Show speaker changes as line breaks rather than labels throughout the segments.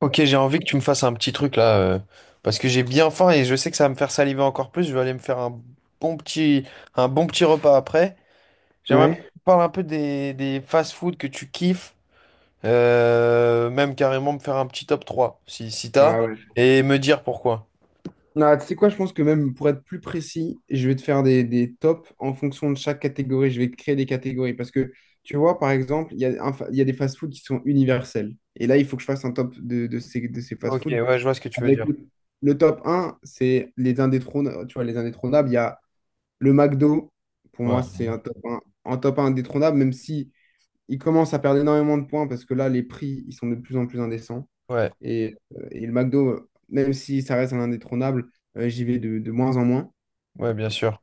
Ok, j'ai envie que tu me fasses un petit truc là, parce que j'ai bien faim et je sais que ça va me faire saliver encore plus. Je vais aller me faire un bon petit, un bon petit repas après. J'aimerais bien
Ouais.
que tu parles un peu des fast-food que tu kiffes, même carrément me faire un petit top 3 si t'as,
Ah ouais.
et me dire pourquoi.
Non, tu sais quoi, je pense que même pour être plus précis, je vais te faire des tops en fonction de chaque catégorie. Je vais créer des catégories parce que, tu vois, par exemple, il y a des fast foods qui sont universels. Et là, il faut que je fasse un top de ces fast
Ok,
foods.
ouais, je vois ce que tu veux
Avec
dire.
le top un, c'est les indétrônables. Tu vois, les indétrônables, il y a le McDo. Pour
Ouais,
moi, c'est un top un indétrônable, même si il commence à perdre énormément de points parce que là, les prix, ils sont de plus en plus indécents.
ouais,
Et le McDo, même si ça reste un indétrônable, j'y vais de moins en moins.
ouais, bien sûr.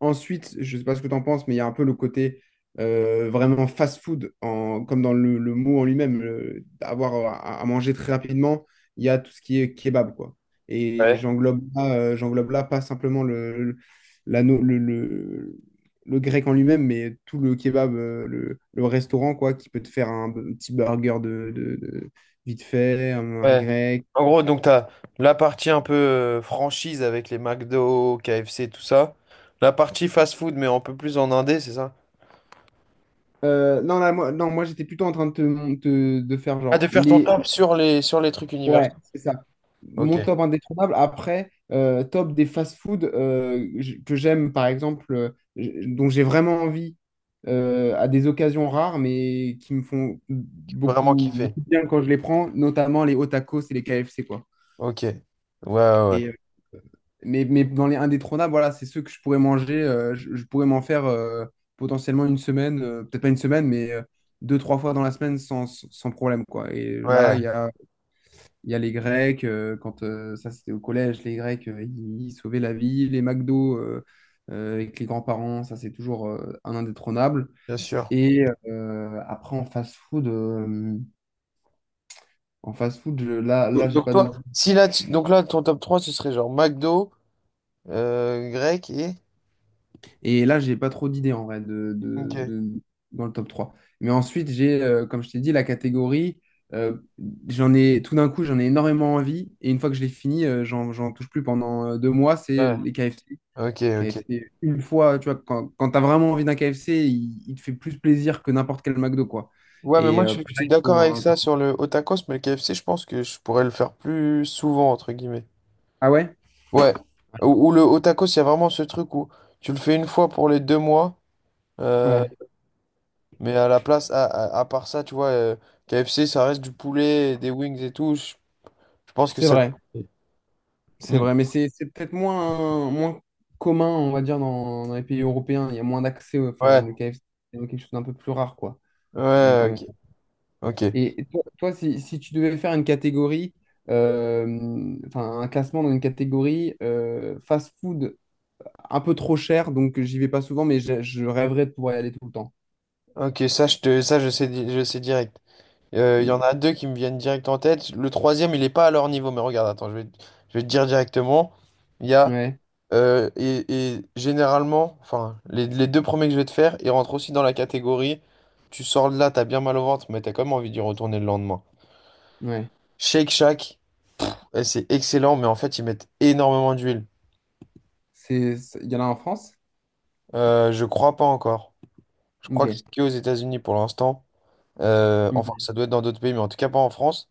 Ensuite, je ne sais pas ce que tu en penses, mais il y a un peu le côté vraiment fast-food, comme dans le mot en lui-même, avoir à manger très rapidement. Il y a tout ce qui est kebab, quoi. Et
Ouais.
j'englobe là pas simplement le, la no- le grec en lui-même, mais tout le kebab, le restaurant, quoi, qui peut te faire un petit burger vite fait, un
Ouais.
grec.
En gros, donc t'as la partie un peu franchise avec les McDo, KFC, tout ça. La partie fast-food, mais un peu plus en indé, c'est ça?
Non, là, moi, non, moi j'étais plutôt en train de te, mon- te- de faire
Ah, de
genre
faire ton
les.
taf sur les trucs universels.
Ouais, c'est ça. Mon
Ok,
top indétrônable. Après, top des fast-food que j'aime, par exemple, dont j'ai vraiment envie à des occasions rares, mais qui me font
vraiment
beaucoup,
kiffé.
beaucoup de bien quand je les prends, notamment les hot tacos et les KFC, quoi.
Ok, ouais, ouais, ouais,
Et euh, mais dans les indétrônables, voilà, c'est ceux que je pourrais manger. Je pourrais m'en faire potentiellement une semaine, peut-être pas une semaine, mais 2, 3 fois dans la semaine sans problème, quoi. Et
ouais,
là, il y a les Grecs, quand ça c'était au collège, les Grecs, ils sauvaient la vie. Les McDo avec les grands-parents, ça c'est toujours un indétrônable.
bien sûr.
Après, en fast-food, là j'ai
Donc
pas
toi,
d'autres.
si là, tu- donc là, ton top 3 ce serait genre McDo, grec et...
Et là, j'ai pas trop d'idées en vrai
Ok.
dans le top 3. Mais ensuite, j'ai, comme je t'ai dit, la catégorie. euh, J'en ai tout d'un coup, j'en ai énormément envie. Et une fois que je l'ai fini, j'en touche plus pendant 2 mois. C'est
Ouais.
les KFC.
Ok, ok.
KFC, une fois, tu vois, quand, quand tu as vraiment envie d'un KFC, il te fait plus plaisir que n'importe quel McDo, quoi.
Ouais, mais
Et
moi,
euh,
je suis
pareil
d'accord
pour.
avec ça sur le hot tacos, mais le KFC, je pense que je pourrais le faire plus souvent, entre guillemets.
Ah ouais?
Ouais. Ou le hot tacos, il y a vraiment ce truc où tu le fais une fois pour les 2 mois. euh,
Ouais,
Mais à la place, à part ça, tu vois, KFC, ça reste du poulet, des wings et tout. Je pense que
c'est
ça.
vrai. C'est
Mm.
vrai, mais c'est peut-être moins commun, on va dire, dans les pays européens. Il y a moins d'accès, enfin,
Ouais,
le KFC, c'est quelque chose d'un peu plus rare, quoi. Donc,
ouais, ok. Ok,
et toi, si tu devais faire une catégorie, enfin, un classement dans une catégorie fast-food un peu trop cher, donc j'y vais pas souvent, mais je rêverais de pouvoir y aller tout le temps.
ok, ça, je te, ça, je sais, di- je sais direct. Il y en
Mm.
a deux qui me viennent direct en tête. Le troisième, il est pas à leur niveau, mais regarde, attends, je vais te dire directement. Il y a.
Ouais,
euh, et, et généralement, enfin, les deux premiers que je vais te faire, ils rentrent aussi dans la catégorie. Tu sors de là, t'as bien mal au ventre, mais t'as quand même envie d'y retourner le lendemain.
ouais.
Shake Shack. Eh, c'est excellent, mais en fait, ils mettent énormément d'huile.
Il y en a en France?
Je crois pas encore. Je
Ok.
crois que c'est qu'aux États-Unis pour l'instant. Enfin,
Ok.
ça doit être dans d'autres pays, mais en tout cas pas en France.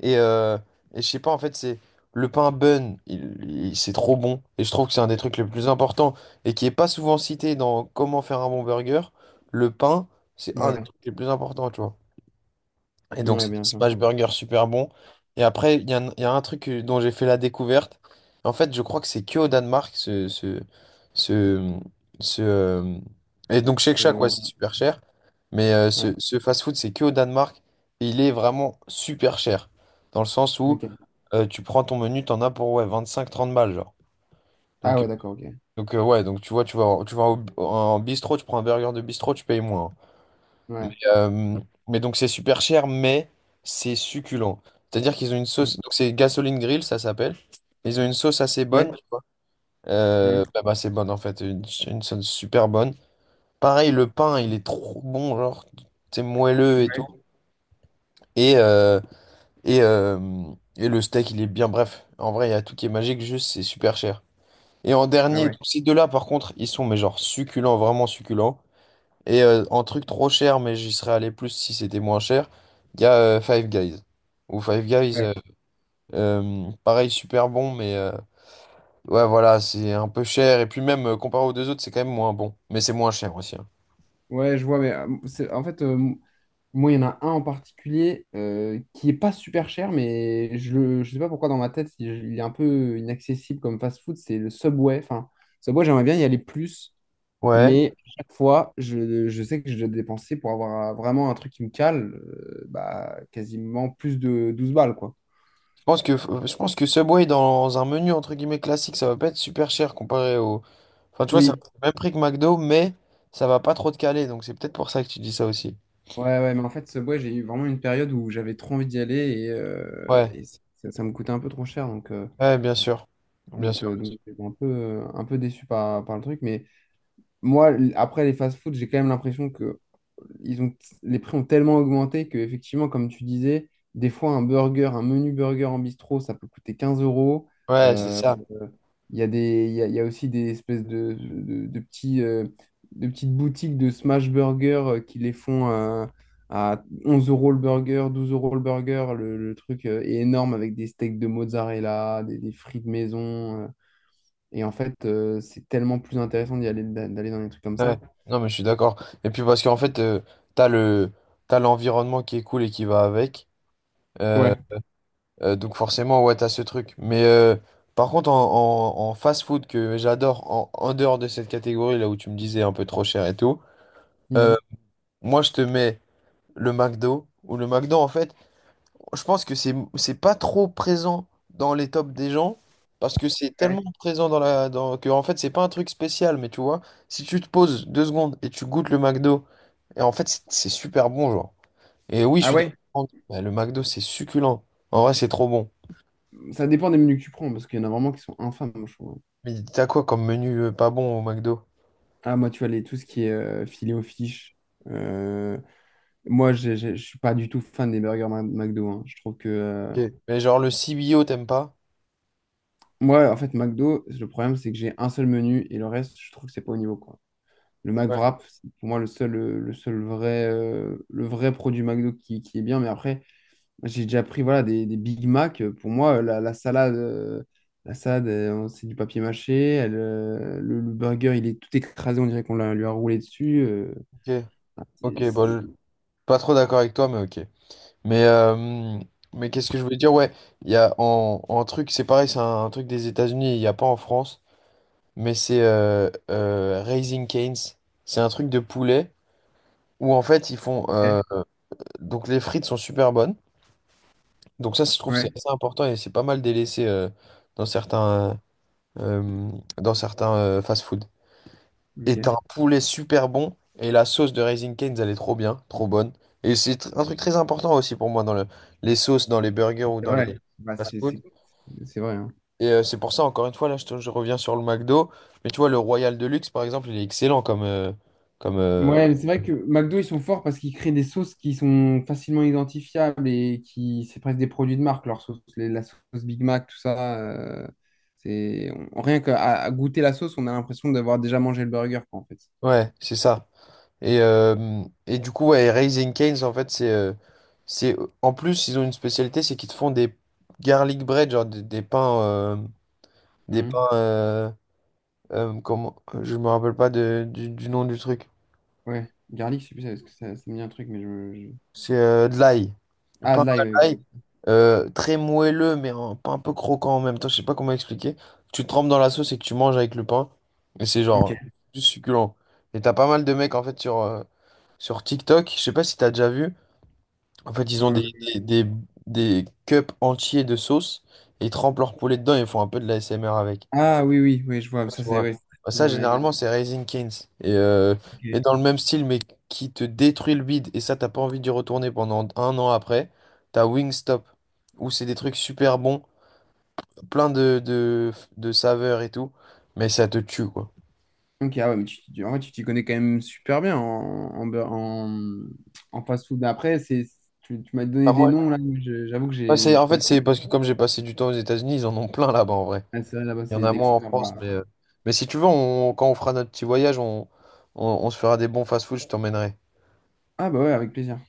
Et, euh, et je sais pas, en fait, c'est le pain bun, c'est trop bon. Et je trouve que c'est un des trucs les plus importants et qui est pas souvent cité dans comment faire un bon burger. Le pain, c'est un des
Ouais,
trucs les plus importants, tu vois. Et donc,
ouais,
c'est des
bien sûr.
Smash burgers super bons. Et après, il y a un truc dont j'ai fait la découverte. En fait, je crois que c'est que au Danemark, ce, ce, euh, Et donc, Shake Shack, ouais,
Euh,
c'est super cher. Mais ce,
ouais,
ce fast-food, c'est que au Danemark. Et il est vraiment super cher. Dans le sens où
ok.
tu prends ton menu, t'en as pour ouais, 25-30 balles, genre.
Ah
Donc, euh,
ouais, d'accord, ok.
donc, ouais, donc tu vois, tu vas, en- tu vas au- en bistrot, tu prends un burger de bistrot, tu payes moins, hein. Mais,
Ouais.
Euh, mais donc c'est super cher, mais c'est succulent. C'est-à-dire qu'ils ont une sauce, donc c'est Gasoline Grill, ça s'appelle. Ils ont une sauce assez bonne,
Ouais.
tu vois.
Hmm.
Bah, bah, c'est bonne en fait, une sauce super bonne. Pareil, le pain, il est trop bon, genre, c'est moelleux et tout.
Ouais.
Et, euh, et, euh, et le steak, il est bien, bref. En vrai, il y a tout qui est magique, juste c'est super cher. Et en
Ah
dernier, donc,
ouais.
ces deux-là, par contre, ils sont, mais genre, succulents, vraiment succulents. Et en truc trop cher, mais j'y serais allé plus si c'était moins cher, il y a Five Guys. Ou Five Guys,
Ouais.
pareil, super bon, mais ouais, voilà, c'est un peu cher. Et puis même, comparé aux deux autres, c'est quand même moins bon. Mais c'est moins cher aussi, hein.
Ouais, je vois, mais en fait, moi, il y en a un en particulier qui est pas super cher, mais je ne sais pas pourquoi dans ma tête, il est un peu inaccessible comme fast-food, c'est le Subway. Enfin, Subway, j'aimerais bien y aller plus,
Ouais,
mais à chaque fois, je sais que je dois dépenser pour avoir vraiment un truc qui me cale, bah, quasiment plus de 12 balles, quoi.
je pense que Subway, dans un menu, entre guillemets, classique, ça va pas être super cher comparé au... Enfin, tu vois, c'est
Oui,
le même prix que McDo, mais ça va pas trop te caler. Donc c'est peut-être pour ça que tu dis ça aussi.
ouais, ouais, mais en fait, Subway, j'ai eu vraiment une période où j'avais trop envie d'y aller et, euh,
Ouais,
et ça, ça me coûtait un peu trop cher, donc.
ouais, bien sûr. Bien
Donc,
sûr,
euh,
bien sûr.
donc j'étais un peu déçu par le truc. Mais moi, après les fast-food, j'ai quand même l'impression que ils ont, les prix ont tellement augmenté que, effectivement, comme tu disais, des fois, un burger, un menu burger en bistrot, ça peut coûter 15 euros.
Ouais, c'est
Euh,
ça.
Il y a il y a aussi des espèces de de petites boutiques de smash burger qui les font à 11 euros le burger, 12 euros le burger. Le truc est énorme avec des steaks de mozzarella, des frites maison. Et en fait, c'est tellement plus intéressant d'y aller, d'aller dans des trucs comme
Ouais,
ça.
non mais je suis d'accord. Et puis parce qu'en fait, t'as le t'as l'environnement qui est cool et qui va avec. Euh,
Ouais.
donc forcément, ouais, t'as ce truc. Mais par contre, en fast-food que j'adore, en, en dehors de cette catégorie là où tu me disais un peu trop cher et tout, euh,
Mhm.
moi je te mets le McDo ou le McDo en fait. Je pense que c'est pas trop présent dans les tops des gens, parce que c'est
Ouais.
tellement présent dans la, dans que, en fait, c'est pas un truc spécial. Mais tu vois, si tu te poses 2 secondes et tu goûtes le McDo, et en fait, c'est super bon, genre. Et oui, je
Ah
suis
ouais?
d'accord, bah, le McDo, c'est succulent. En vrai, c'est trop bon.
Ça dépend des menus que tu prends, parce qu'il y en a vraiment qui sont infâmes, moi, je trouve.
Mais t'as quoi comme menu, pas bon au McDo?
Ah, moi, tu vois, tout ce qui est filet aux fiches. euh, Moi, je suis pas du tout fan des burgers McDo, hein. Je trouve que.
Ok, mais genre, le CBO, t'aimes pas?
Moi, en fait, McDo, le problème, c'est que j'ai un seul menu et le reste, je trouve que c'est pas au niveau, quoi. Le
Ouais.
McWrap, c'est pour moi le seul vrai, le vrai produit McDo qui est bien. Mais après, j'ai déjà pris voilà, des Big Mac. Pour moi, la salade c'est du papier mâché. Le burger, il est tout écrasé. On dirait qu'on lui a roulé dessus.
Ok,
Ah,
ok, bon, pas trop d'accord avec toi, mais ok. Mais, qu'est-ce que je voulais dire? Ouais, il y a en truc, c'est pareil, c'est un truc des États-Unis, il n'y a pas en France, mais c'est Raising Cane's. C'est un truc de poulet où en fait, ils font.
Ok.
euh, Donc les frites sont super bonnes. Donc ça, je trouve, c'est
Ouais,
assez important et c'est pas mal délaissé dans certains, euh, dans certains fast-food. Et t'as
ok.
un poulet super bon, et la sauce de Raising Cane's, elle est trop bien, trop bonne. Et c'est un truc très important aussi pour moi dans les sauces, dans les burgers ou
C'est
dans les
vrai. Bah,
fast-food.
C'est vrai, hein.
Et c'est pour ça, encore une fois, là, je reviens sur le McDo. Mais tu vois, le Royal Deluxe, par exemple, il est excellent comme. euh, comme euh,
Ouais, mais c'est vrai que McDo, ils sont forts parce qu'ils créent des sauces qui sont facilement identifiables et c'est presque des produits de marque, leur sauce, la sauce Big Mac, tout ça. C'est rien qu'à goûter la sauce, on a l'impression d'avoir déjà mangé le burger, quoi, en fait.
ouais, c'est ça. Et du coup, ouais, Raising Cane's, en fait, c'est en plus, ils ont une spécialité, c'est qu'ils te font des garlic bread, genre des pains. Des
Mhm.
pains. Comment. Je me rappelle pas du nom du truc.
Ouais, garlic, c'est plus ça, parce que ça me dit un truc, mais je.
C'est de l'ail.
Ah,
Pain
de
à
l'ail,
l'ail,
oui.
très moelleux, mais pas un peu croquant en même temps. Je sais pas comment expliquer. Tu trempes dans la sauce et que tu manges avec le pain. Et c'est
Ok.
genre juste succulent. Et t'as pas mal de mecs en fait sur TikTok. Je sais pas si t'as déjà vu. En fait, ils
Ouais.
ont
Ouais, ouais.
des, des, des cups entiers de sauce, et ils trempent leur poulet dedans et ils font un peu de la l'ASMR avec.
Ah oui, oui, oui, je vois.
Tu
Ça, c'est
vois.
ouais,
Bah,
c'est très
ça,
américain.
généralement, c'est Raising Canes. Et, euh, et
Ok.
dans le même style, mais qui te détruit le bide. Et ça, t'as pas envie d'y retourner pendant un an après. T'as Wingstop, où c'est des trucs super bons, plein de saveurs et tout. Mais ça te tue, quoi.
Ok, ah ouais, mais en vrai, tu t'y connais quand même super bien en, en, beur- en, en fast-food. Mais après, tu m'as
Ah,
donné des
moi,
noms, là, mais j'avoue que
moi,
je
en fait,
connais
c'est parce que comme j'ai passé du temps aux États-Unis, ils en ont plein là-bas, en vrai.
pas. Ah, c'est vrai, là-bas,
Il y en
c'est
a
des
moins en
experts,
France,
là.
mais, mais si tu veux, quand on fera notre petit voyage, on se fera des bons fast-food, je t'emmènerai.
Ah bah ouais, avec plaisir.